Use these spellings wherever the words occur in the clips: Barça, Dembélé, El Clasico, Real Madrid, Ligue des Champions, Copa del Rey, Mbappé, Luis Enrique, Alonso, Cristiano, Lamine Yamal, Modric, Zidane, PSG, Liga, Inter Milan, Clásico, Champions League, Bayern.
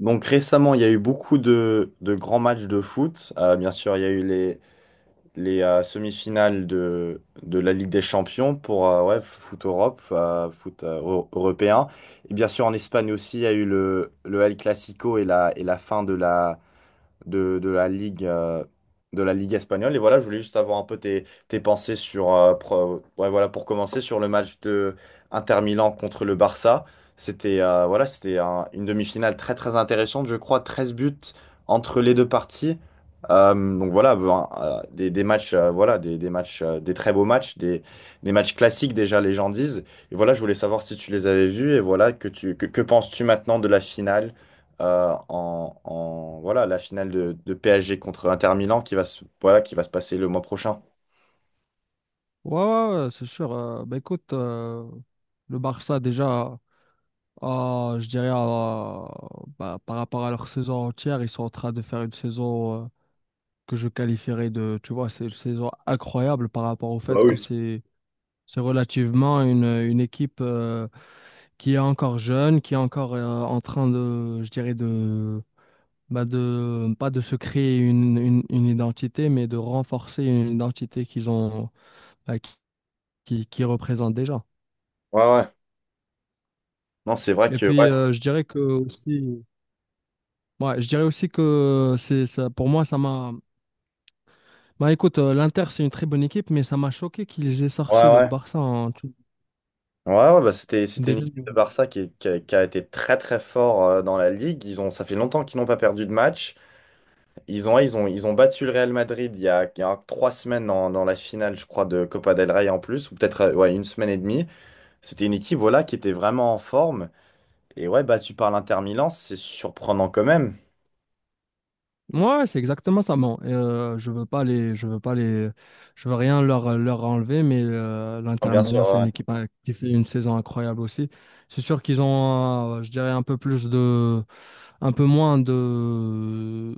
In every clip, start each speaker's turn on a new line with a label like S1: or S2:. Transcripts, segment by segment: S1: Donc récemment, il y a eu beaucoup de grands matchs de foot. Bien sûr, il y a eu les semi-finales de la Ligue des Champions pour ouais, foot Europe, foot européen. Et bien sûr, en Espagne aussi, il y a eu le El Clasico et la fin de la Ligue, de la Ligue espagnole. Et voilà, je voulais juste avoir un peu tes pensées sur, ouais, voilà, pour commencer, sur le match de Inter Milan contre le Barça. C'était voilà, c'était une demi-finale très très intéressante, je crois, 13 buts entre les deux parties. Donc voilà, ben, des matchs, voilà, des matchs, des très beaux matchs, des matchs classiques déjà, les gens disent. Et voilà, je voulais savoir si tu les avais vus et voilà, que penses-tu maintenant de la finale? Voilà, la finale de PSG contre Inter Milan qui va voilà, qui va se passer le mois prochain.
S2: Ouais, ouais, ouais, c'est sûr. Bah écoute, le Barça déjà, je dirais bah, par rapport à leur saison entière, ils sont en train de faire une saison que je qualifierais de, tu vois, c'est une saison incroyable par rapport au
S1: Bah
S2: fait que
S1: oui.
S2: c'est relativement une équipe qui est encore jeune, qui est encore en train de, je dirais de, bah de pas de se créer une identité, mais de renforcer une identité qu'ils ont, bah, qui, qui représente déjà.
S1: Ouais, ouais. Non, c'est vrai
S2: Et
S1: que
S2: puis,
S1: ouais,
S2: je dirais que aussi, ouais, je dirais aussi que c'est ça, pour moi, ça m'a. Bah écoute, l'Inter, c'est une très bonne équipe, mais ça m'a choqué qu'ils aient
S1: ouais,
S2: sorti le
S1: ouais.
S2: Barça en tout-
S1: Ouais, ouais, bah c'était une
S2: déjà.
S1: équipe de Barça qui qui a été très très fort dans la ligue. Ils ont, ça fait longtemps qu'ils n'ont pas perdu de match. Ils ont battu le Real Madrid il y a 3 semaines dans la finale, je crois, de Copa del Rey en plus, ou peut-être ouais, une semaine et demie. C'était une équipe voilà, qui était vraiment en forme. Et ouais, battu par l'Inter Milan, c'est surprenant quand même.
S2: Ouais, c'est exactement ça. Bon, et, je veux rien leur, leur enlever, mais
S1: Ah,
S2: l'Inter
S1: bien sûr,
S2: Milan, c'est
S1: ouais.
S2: une équipe hein, qui fait une saison incroyable aussi. C'est sûr qu'ils ont, je dirais, un peu plus de un peu moins de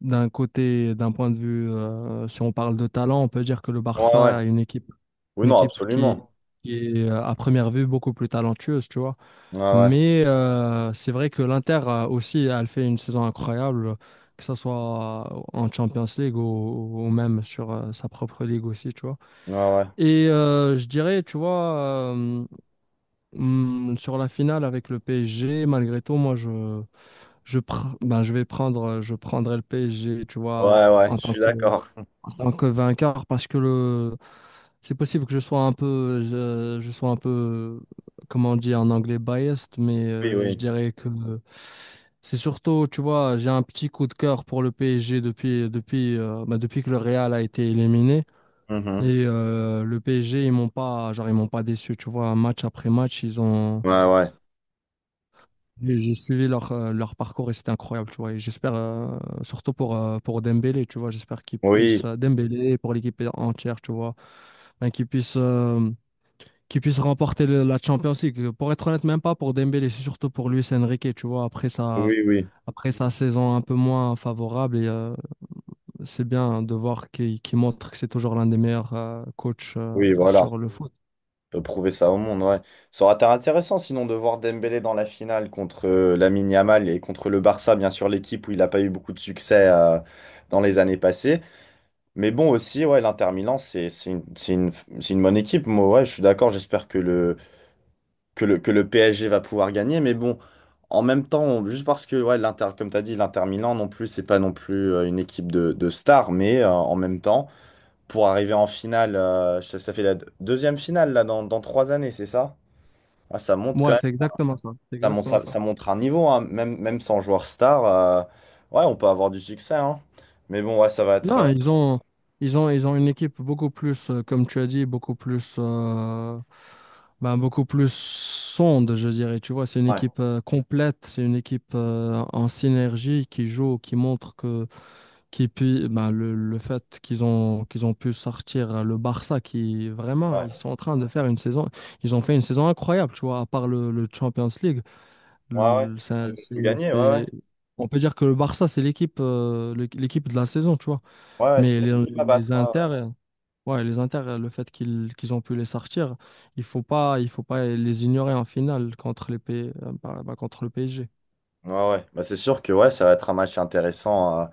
S2: d'un côté, d'un point de vue, si on parle de talent, on peut dire que le
S1: Ouais, ouais.
S2: Barça a
S1: Oui,
S2: une
S1: non,
S2: équipe
S1: absolument.
S2: qui est à première vue beaucoup plus talentueuse, tu vois.
S1: Ouais, ouais.
S2: Mais c'est vrai que l'Inter aussi, elle fait une saison incroyable, que ce soit en Champions League ou même sur sa propre ligue aussi, tu vois.
S1: Ouais, ouais.
S2: Et je dirais, tu vois, euh, sur la finale avec le PSG, malgré tout, moi je vais prendre, je prendrai le PSG, tu vois,
S1: Ouais, ouais.
S2: en
S1: Je
S2: tant
S1: suis
S2: que,
S1: d'accord.
S2: en tant que vainqueur, parce que le, c'est possible que je sois un peu, je sois un peu, comment on dit en anglais, biased, mais
S1: Oui,
S2: je
S1: oui.
S2: dirais que c'est surtout, tu vois, j'ai un petit coup de cœur pour le PSG depuis, ben, depuis que le Real a été éliminé.
S1: Mhm.
S2: Et le PSG, ils m'ont pas déçu, tu vois, match après match, ils ont.
S1: Ouais, ouais.
S2: J'ai suivi leur, leur parcours et c'était incroyable, tu vois. Et j'espère, surtout pour Dembélé, tu vois, j'espère qu'il puisse,
S1: Oui,
S2: Dembélé et pour l'équipe entière, tu vois, ben, qu'il puisse remporter le- la Champions League. Pour être honnête, même pas pour Dembélé, c'est surtout pour Luis Enrique, tu vois,
S1: oui, oui.
S2: après sa saison un peu moins favorable. Et c'est bien de voir qu'il montre que c'est toujours l'un des meilleurs coachs
S1: Oui, voilà.
S2: sur le foot.
S1: On peut prouver ça au monde, ouais. Ça aurait été intéressant sinon de voir Dembélé dans la finale contre Lamine Yamal et contre le Barça, bien sûr, l'équipe où il n'a pas eu beaucoup de succès dans les années passées. Mais bon, aussi, ouais, l'Inter Milan, c'est une bonne équipe. Moi, ouais, je suis d'accord. J'espère que le PSG va pouvoir gagner. Mais bon, en même temps, on- juste parce que, ouais, l'Inter, comme tu as dit, l'Inter Milan non plus, c'est pas non plus une équipe de stars, mais en même temps, pour arriver en finale, ça, ça fait la deuxième finale là, dans 3 années, c'est ça? Ah, ça monte quand
S2: Moi,
S1: même,
S2: c'est exactement ça. C'est
S1: ça,
S2: exactement ça.
S1: ça montre un niveau, hein, même, même sans joueur star, ouais, on peut avoir du succès, hein. Mais bon, ouais, ça va être.
S2: Non, ils ont une équipe beaucoup plus, comme tu as dit, beaucoup plus, ben, beaucoup plus sonde, je dirais. Tu vois, c'est une
S1: Ouais,
S2: équipe complète, c'est une équipe en synergie qui joue, qui montre que, qui puis, ben, le fait qu'ils ont pu sortir le Barça, qui vraiment, ils
S1: ouais,
S2: sont en train de faire une saison, ils ont fait une saison incroyable, tu vois, à part le Champions League.
S1: ouais, ouais.
S2: Le-
S1: Ils
S2: ça-
S1: vont tout gagner, ouais, ouais.
S2: c'est- on peut dire que le Barça, c'est l'équipe, l'équipe de la saison, tu vois.
S1: Ouais, ouais,
S2: Mais
S1: c'est une à battre.
S2: les Inter,
S1: Ouais,
S2: ouais, les Inter, le fait qu'ils ont pu les sortir, il faut pas les ignorer en finale contre les P- contre le PSG.
S1: ouais. Ouais, ouais. Bah, c'est sûr que ouais, ça va être un match intéressant.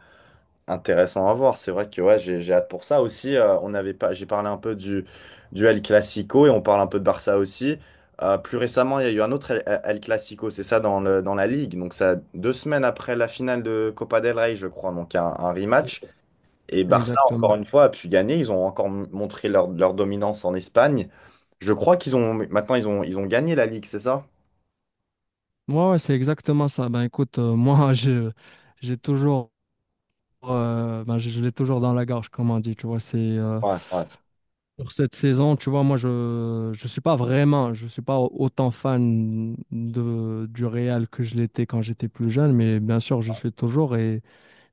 S1: Intéressant à voir. C'est vrai que ouais, j'ai hâte pour ça aussi. On avait pas, j'ai parlé un peu du El Clasico et on parle un peu de Barça aussi. Plus récemment, il y a eu un autre El Clasico, c'est ça, dans la Ligue. Donc, ça, deux semaines après la finale de Copa del Rey, je crois. Donc, un
S2: Et-
S1: rematch. Et Barça,
S2: Exactement.
S1: encore une fois, a pu gagner. Ils ont encore montré leur dominance en Espagne. Je crois qu'ils ont, maintenant, ils ont gagné la Ligue, c'est ça?
S2: Moi, ouais, ouais, c'est exactement ça. Ben écoute, moi, je- j'ai toujours, ben, je l'ai toujours dans la gorge, comme on dit. Tu vois, c'est
S1: Ouais, ouais.
S2: pour cette saison, tu vois, moi, je suis pas vraiment, je suis pas au- autant fan de du Real que je l'étais quand j'étais plus jeune, mais bien sûr, je suis toujours et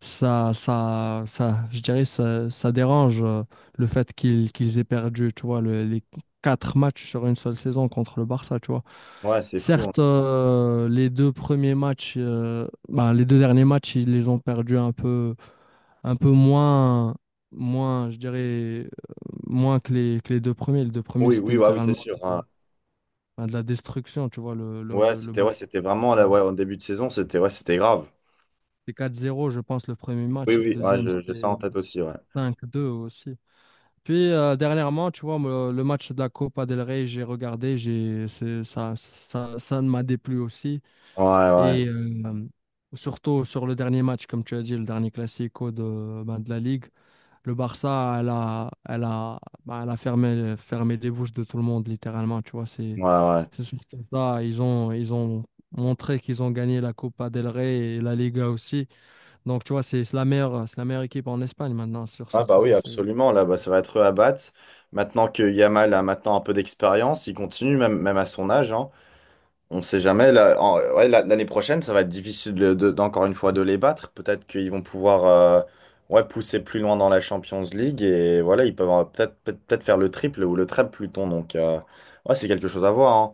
S2: je dirais, ça dérange le fait qu'ils aient perdu, tu vois, le- les quatre matchs sur une seule saison contre le Barça, tu vois.
S1: Ouais, c'est fou, hein.
S2: Certes, les deux premiers matchs, ben, les deux derniers matchs, ils les ont perdus un peu moins, moins, je dirais, euh, moins que les deux premiers. Les deux premiers,
S1: Oui,
S2: c'était
S1: oui, ouais, oui, c'est
S2: littéralement
S1: sûr, hein.
S2: de, ben, de la destruction, tu vois, le
S1: Ouais,
S2: Barça.
S1: c'était vraiment
S2: C'était
S1: là, ouais, en début de saison, c'était ouais, c'était grave.
S2: 4-0, je pense, le premier
S1: Oui,
S2: match, et le
S1: oui, ouais,
S2: deuxième,
S1: je, j'ai ça en
S2: c'était
S1: tête aussi, ouais.
S2: 5-2 aussi. Puis dernièrement, tu vois, me- le match de la Copa del Rey, j'ai regardé, j'ai c'est- ça ne m'a déplu aussi.
S1: Ouais, ouais,
S2: Et surtout sur le dernier match, comme tu as dit, le dernier Classico de, ben, de la Ligue, le Barça, elle a, ben, elle a fermé, fermé les bouches de tout le monde, littéralement. Tu vois,
S1: ouais,
S2: c'est
S1: ouais.
S2: c'est sûr ça, ils ont montré qu'ils ont gagné la Copa del Rey et la Liga aussi. Donc, tu vois, c'est la meilleure, c'est la meilleure équipe en Espagne maintenant sur
S1: Ah
S2: cette
S1: bah oui,
S2: saison. C'est
S1: absolument, là, bah, ça va être eux à battre. Maintenant que Yamal a maintenant un peu d'expérience, il continue même, même à son âge, hein. On ne sait jamais, là, ouais, l'année prochaine, ça va être difficile d'encore une fois de les battre. Peut-être qu'ils vont pouvoir ouais, pousser plus loin dans la Champions League et voilà, ils peuvent peut-être peut-être faire le triple ou le treble plutôt. Donc, ouais, c'est quelque chose à voir, hein.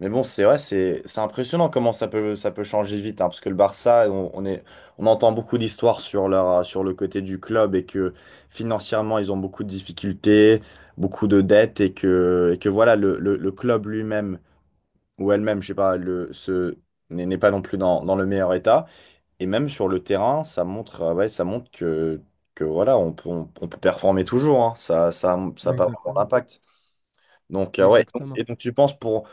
S1: Mais bon, c'est vrai, c'est impressionnant comment ça peut changer vite, hein, parce que le Barça, on est, on entend beaucoup d'histoires sur leur, sur le côté du club et que financièrement, ils ont beaucoup de difficultés, beaucoup de dettes et que voilà, le club lui-même ou elle-même, je sais pas, n'est pas non plus dans le meilleur état. Et même sur le terrain, ça montre, ouais, ça montre que voilà, on peut performer toujours, hein. Ça ça a pas vraiment
S2: exactement.
S1: d'impact. Donc, ouais,
S2: Exactement.
S1: et donc tu penses pour.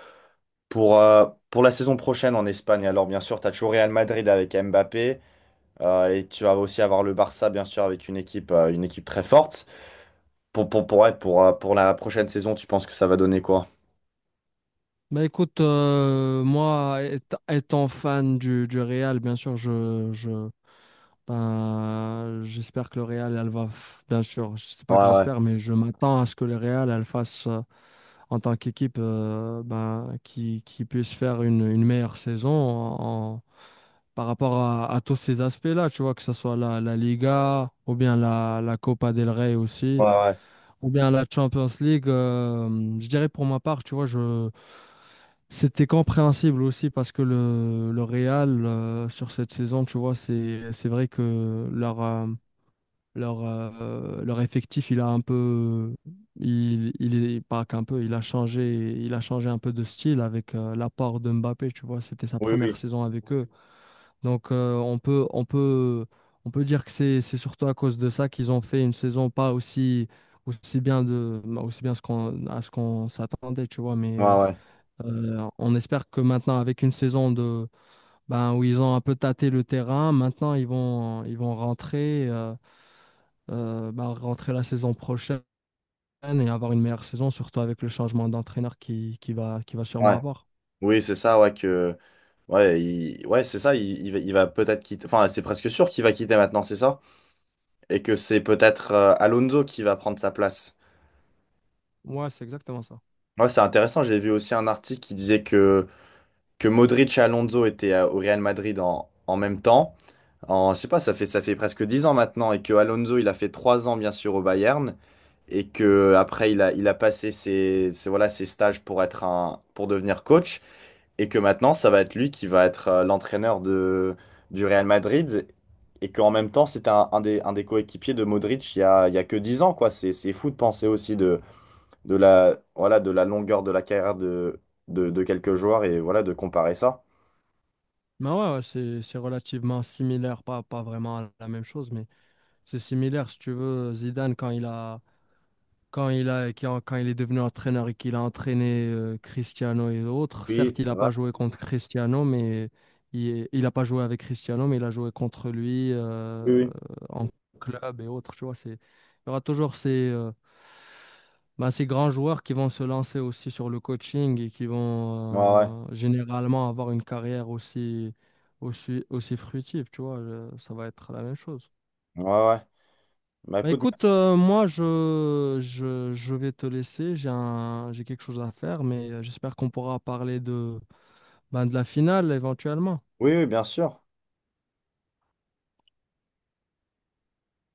S1: Pour la saison prochaine en Espagne, alors bien sûr, tu as toujours Real Madrid avec Mbappé, et tu vas aussi avoir le Barça, bien sûr, avec une équipe très forte. Pour, ouais, pour la prochaine saison, tu penses que ça va donner quoi?
S2: Bah écoute, moi, éta- étant fan du Real, bien sûr, je, ben, j'espère que le Real, elle va, f- bien sûr, je sais pas
S1: Ouais,
S2: que
S1: ouais,
S2: j'espère, mais je m'attends à ce que le Real, elle fasse, en tant qu'équipe, ben, qui puisse faire une meilleure saison en, en- par rapport à tous ces aspects-là, tu vois, que ce soit la, la Liga, ou bien la, la Copa del Rey
S1: ouais,
S2: aussi,
S1: ouais.
S2: ou bien la Champions League. Je dirais pour ma part, tu vois, je. C'était compréhensible aussi parce que le Real, sur cette saison, tu vois, c'est vrai que leur, leur effectif, il a un peu, il est, pas qu'un peu, il a changé un peu de style avec l'apport de Mbappé, tu vois, c'était sa
S1: Oui,
S2: première
S1: oui.
S2: saison avec eux. Donc, on peut dire que c'est surtout à cause de ça qu'ils ont fait une saison pas aussi, aussi bien de, bah, aussi bien ce qu'on, à ce qu'on s'attendait, tu vois, mais.
S1: Ouais, ouais,
S2: On espère que maintenant, avec une saison de, ben, où ils ont un peu tâté le terrain, maintenant ils vont rentrer, ben, rentrer la saison prochaine et avoir une meilleure saison, surtout avec le changement d'entraîneur qui, qui va sûrement
S1: ouais.
S2: avoir.
S1: Oui, c'est ça, ouais, que. Ouais, ouais, c'est ça, il va peut-être quitter. Enfin, c'est presque sûr qu'il va quitter maintenant, c'est ça? Et que c'est peut-être Alonso qui va prendre sa place.
S2: Ouais, c'est exactement ça.
S1: Ouais, c'est intéressant, j'ai vu aussi un article qui disait que. Que Modric et Alonso étaient au Real Madrid en même temps. En, je sais pas, ça fait presque 10 ans maintenant et que Alonso, il a fait 3 ans bien sûr au Bayern et que après il a passé voilà, ses stages pour être un, pour devenir coach et que maintenant ça va être lui qui va être l'entraîneur de, du Real Madrid et qu'en même temps c'était un des coéquipiers de Modric il y a que 10 ans quoi. C'est fou de penser aussi de la, voilà, de la longueur de la carrière de quelques joueurs et voilà de comparer ça.
S2: Mais ouais, ouais, c'est relativement similaire, pas, pas vraiment la même chose, mais c'est similaire. Si tu veux, Zidane, quand il a, qui quand il est devenu entraîneur et qu'il a entraîné Cristiano et d'autres,
S1: Oui,
S2: certes,
S1: ça
S2: il n'a pas
S1: va.
S2: joué contre Cristiano, mais il a pas joué avec Cristiano, mais il a joué contre lui
S1: Oui, oui.
S2: en club et autres. Tu vois, c'est, il y aura toujours ces, bah, ces grands joueurs qui vont se lancer aussi sur le coaching et qui
S1: Ouais, ouais.
S2: vont généralement avoir une carrière aussi, aussi fructive. Tu vois, ça va être la même chose.
S1: Ouais, ouais. Bah
S2: Bah
S1: écoute,
S2: écoute,
S1: merci.
S2: je vais te laisser, j'ai quelque chose à faire, mais j'espère qu'on pourra parler de, ben, de la finale éventuellement.
S1: Oui, oui, bien sûr.